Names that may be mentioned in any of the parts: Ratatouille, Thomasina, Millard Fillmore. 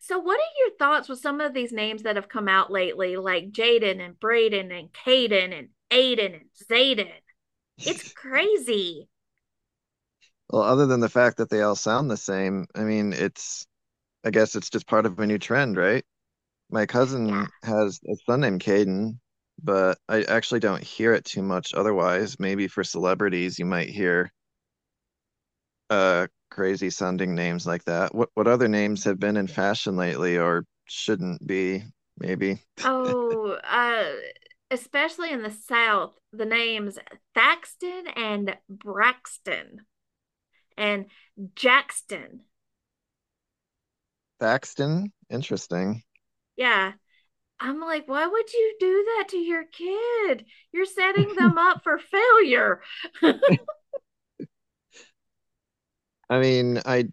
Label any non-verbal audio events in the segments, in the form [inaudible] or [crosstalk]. So, what are your thoughts with some of these names that have come out lately, like Jaden and Braden and Caden and Aiden and Zayden? It's crazy. Well, other than the fact that they all sound the same, I guess it's just part of a new trend, right? My Yeah. cousin has a son named Caden, but I actually don't hear it too much otherwise. Maybe for celebrities, you might hear crazy sounding names like that. What other names have been in fashion lately or shouldn't be, maybe? Oh, especially in the South, the names Thaxton and Braxton and Jackston. Thaxton? Interesting. Yeah. I'm like, why would you do that to your kid? You're setting them up for failure. I mean, I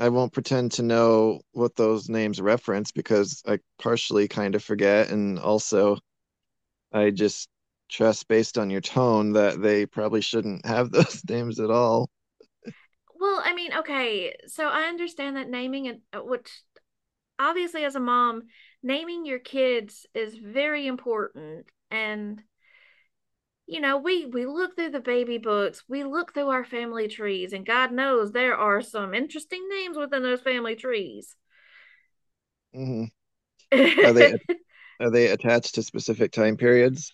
I won't pretend to know what those names reference because I partially kind of forget. And also, I just trust based on your tone that they probably shouldn't have those [laughs] names at all. Well, I mean, okay, so I understand that naming and which obviously as a mom naming your kids is very important, and you know we look through the baby books, we look through our family trees, and god knows there are some interesting names within those family trees. hmm [laughs] uh Are they are they attached to specific time periods,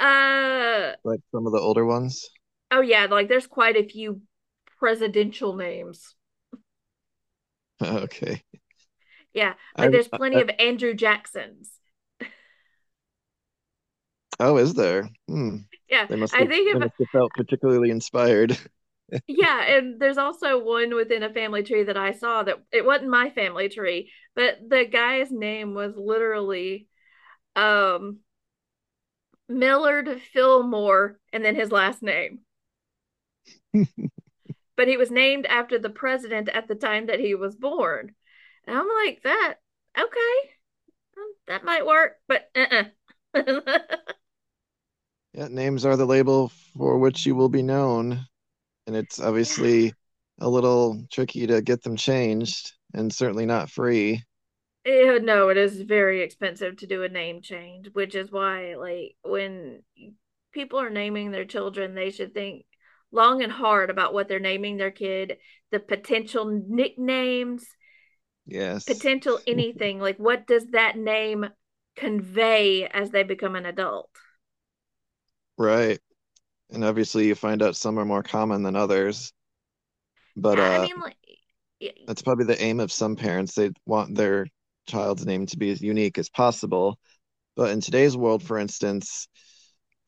oh like some of the older ones? [laughs] yeah, like there's quite a few presidential names. Okay. Yeah, I, like there's plenty I of Andrew Jacksons. oh, is there? Hmm. Yeah, They must I have think they if. must have felt particularly inspired. [laughs] Yeah, and there's also one within a family tree that I saw, that it wasn't my family tree, but the guy's name was literally um Millard Fillmore and then his last name. But he was named after the president at the time that he was born. And I'm like, that okay, that might work, but uh-uh. [laughs] Yeah, names are the label for which you will be known. And it's Yeah. obviously a little tricky to get them changed and certainly not free. Eh, no, it is very expensive to do a name change, which is why, like, when people are naming their children, they should think long and hard about what they're naming their kid, the potential nicknames, Yes. potential anything. Like, what does that name convey as they become an adult? Right. And obviously you find out some are more common than others, but Yeah, I mean, like, it, that's probably the aim of some parents. They want their child's name to be as unique as possible. But in today's world, for instance,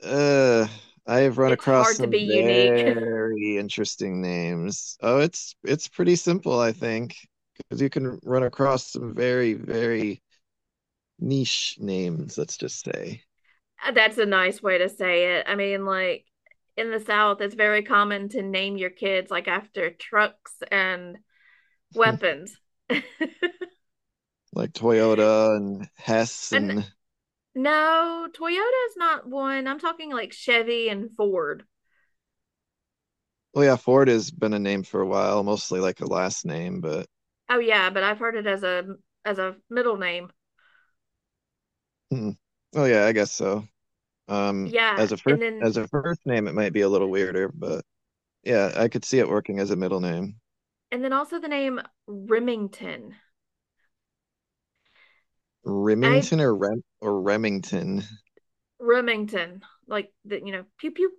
uh I have run it's across hard to be some unique. [laughs] very interesting names. Oh, it's pretty simple, I think, because you can run across some very, very niche names, let's just say, That's a nice way to say it. I mean, like in the South, it's very common to name your kids like after trucks and [laughs] weapons. [laughs] like Toyota and Hess And and no, Toyota's not one. I'm talking like Chevy and Ford. oh yeah, Ford has been a name for a while, mostly like a last name, but Oh yeah, but I've heard it as a middle name. hmm. Oh yeah, I guess so. Yeah, As a first as a first name, it might be a little weirder, but yeah, I could see it working as a middle name. and then also the name Remington. I Remington or Rem or Remington. Remington, like the pew pew.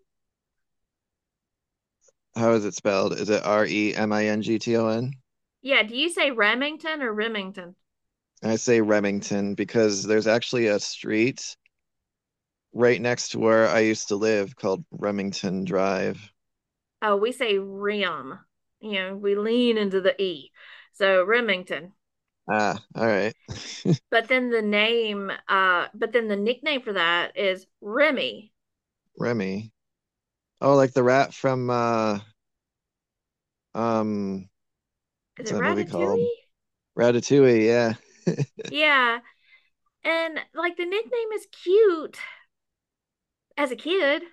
How is it spelled? Is it Remington? Yeah, do you say Remington or Remington? I say Remington because there's actually a street right next to where I used to live called Remington Drive. Oh, we say rim. You know, we lean into the E. So Remington. Ah, all right. [laughs] But then the name, but then the nickname for that is Remy. Remy. Oh, like the rat from um Is what's it that movie called? Ratatouille? Ratatouille, yeah. Yeah. And like the nickname is cute as a kid.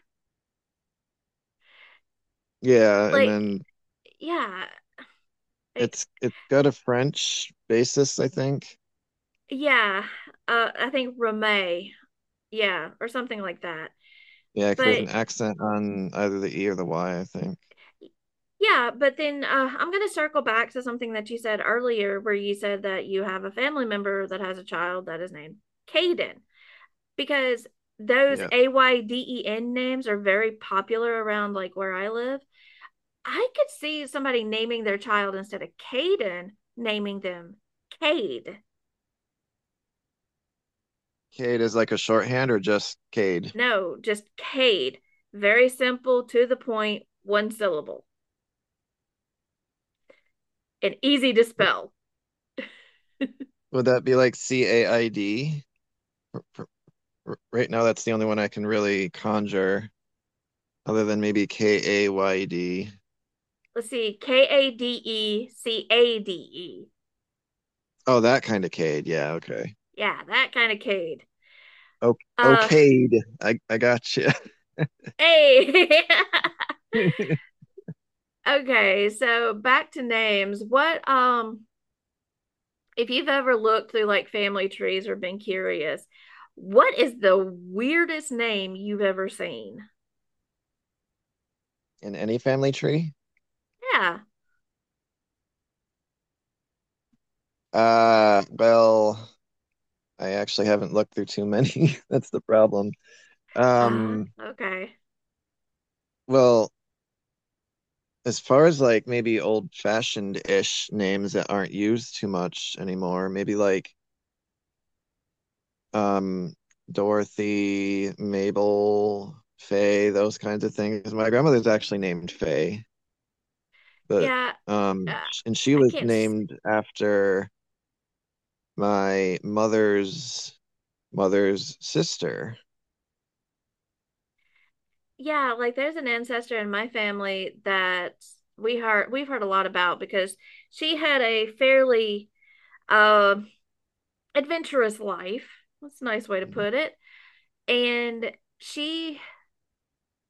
Yeah, and Like, then yeah. I- it's got a French basis, I think. yeah. I think Remy. Yeah. Or something like that. Yeah, 'cause there's But an accent on either the E or the Y, I think. yeah, but then I'm going to circle back to something that you said earlier, where you said that you have a family member that has a child that is named Caden, because those Yeah. AYDEN names are very popular around like where I live. I could see somebody naming their child instead of Caden, naming them Cade. Cade is like a shorthand or just Cade? No, just Cade. Very simple, to the point, one syllable, and easy to spell. Would that be like C-A-I-D? For- Right now, that's the only one I can really conjure, other than maybe K-A-Y-D. [laughs] Let's see, Kade Cade. Oh, that kind of Cade. Yeah, okay. Yeah, that kind of kid. O- Uh, okayed. I got you. hey. [laughs] Okay, so back to names. What if you've ever looked through like family trees or been curious, what is the weirdest name you've ever seen? [laughs] In any family tree? Yeah. Well, I actually haven't looked through too many. [laughs] That's the problem. Um, Okay. well, as far as like maybe old-fashioned-ish names that aren't used too much anymore, maybe like um Dorothy, Mabel, Faye, those kinds of things. My grandmother's actually named Faye, but Yeah. Uh, um, and she I was can't s- named after my mother's mother's sister. yeah, like there's an ancestor in my family that we've heard a lot about because she had a fairly um adventurous life. That's a nice way to put it. And she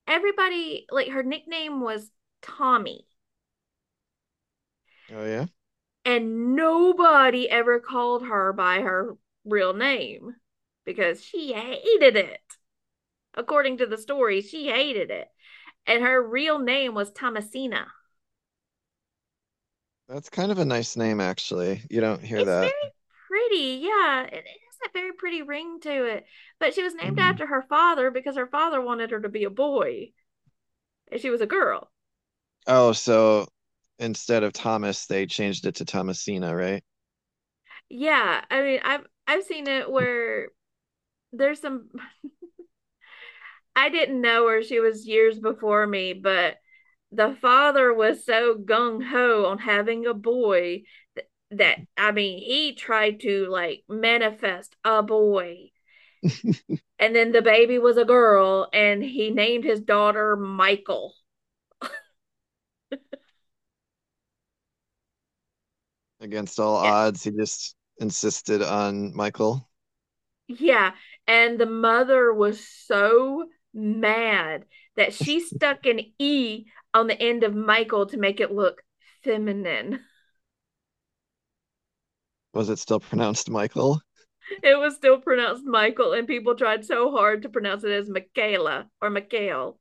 everybody like her nickname was Tommy, Oh yeah, and nobody ever called her by her real name because she hated it. According to the story, she hated it. And her real name was Thomasina. that's kind of a nice name actually. You don't hear It's that. very pretty. Yeah, it has a very pretty ring to it. But she was named Mm. after her father because her father wanted her to be a boy and she was a girl. Oh, so instead of Thomas, they changed it to Thomasina, right? Yeah, I mean, I've seen it where there's some I didn't know her. She was years before me, but the father was so gung ho on having a boy, th- that, I mean, he tried to like manifest a boy. [laughs] And then the baby was a girl, and he named his daughter Michael. Against all Yeah. odds, he just insisted on Michael. Yeah. And the mother was so mad that she stuck an E on the end of Michael to make it look feminine. Was it still pronounced Michael? It was still pronounced Michael, and people tried so hard to pronounce it as Michaela or Michael.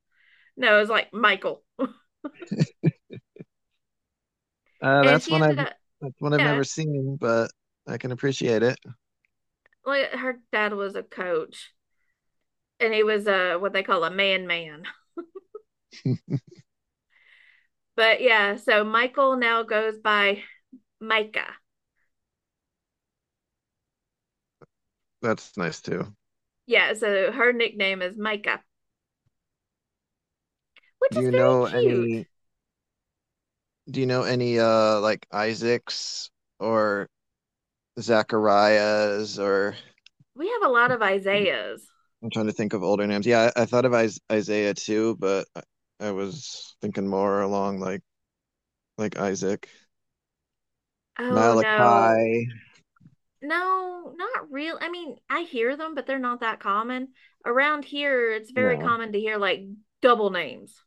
No, it was like Michael. Uh, And that's she one ended I've up, that's one I've never yeah, seen, but I can appreciate it. like her dad was a coach, and he was a what they call a man man. But yeah, so Michael now goes by Micah. That's nice too. Yeah, so her nickname is Micah, which Do is you very know cute. any? Do you know any like Isaacs or Zacharias or We have a lot of Isaiahs. I'm trying to think of older names. Yeah, I thought of Isaiah too, but I was thinking more along like Isaac, Oh no, Malachi. no, not real. I mean, I hear them, but they're not that common. Around here, it's very No, common to hear like double names,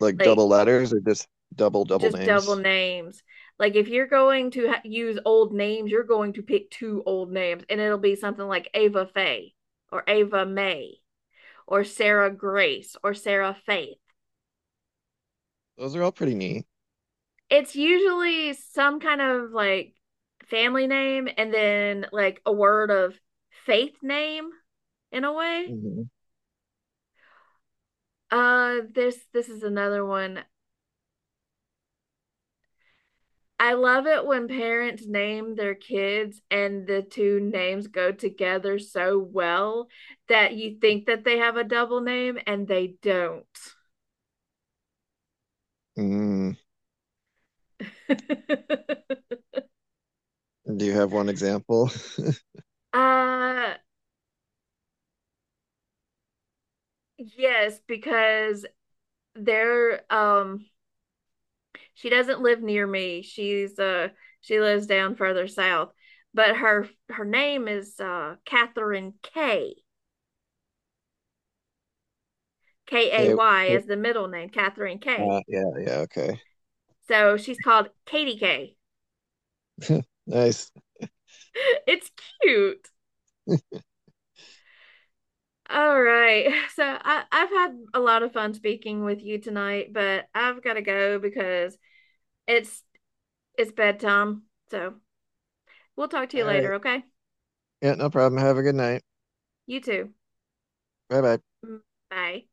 like like double letters or just double just double names. names. Like if you're going to ha use old names, you're going to pick two old names, and it'll be something like Ava Faye or Ava May or Sarah Grace or Sarah Faith. Those are all pretty neat. It's usually some kind of like family name and then like a word of faith name in a way. Hmm. This is another one. I love it when parents name their kids and the two names go together so well that you think that they have a double name and they don't. Mm, [laughs] do you have one example? [laughs] uh, yes, because they're she doesn't live near me. She's she lives down further south, but her name is Catherine K. K A Okay. Y Okay. as the middle name, Catherine K. Yeah, yeah, okay. So she's called Katie K. [laughs] Nice. [laughs] It's cute. All right. [laughs] So I've had a lot of fun speaking with you tonight, but I've got to go because it's bedtime. So we'll talk to you All later, right. okay? Yeah, no problem. Have a good night. You too. Bye bye. Mm, bye.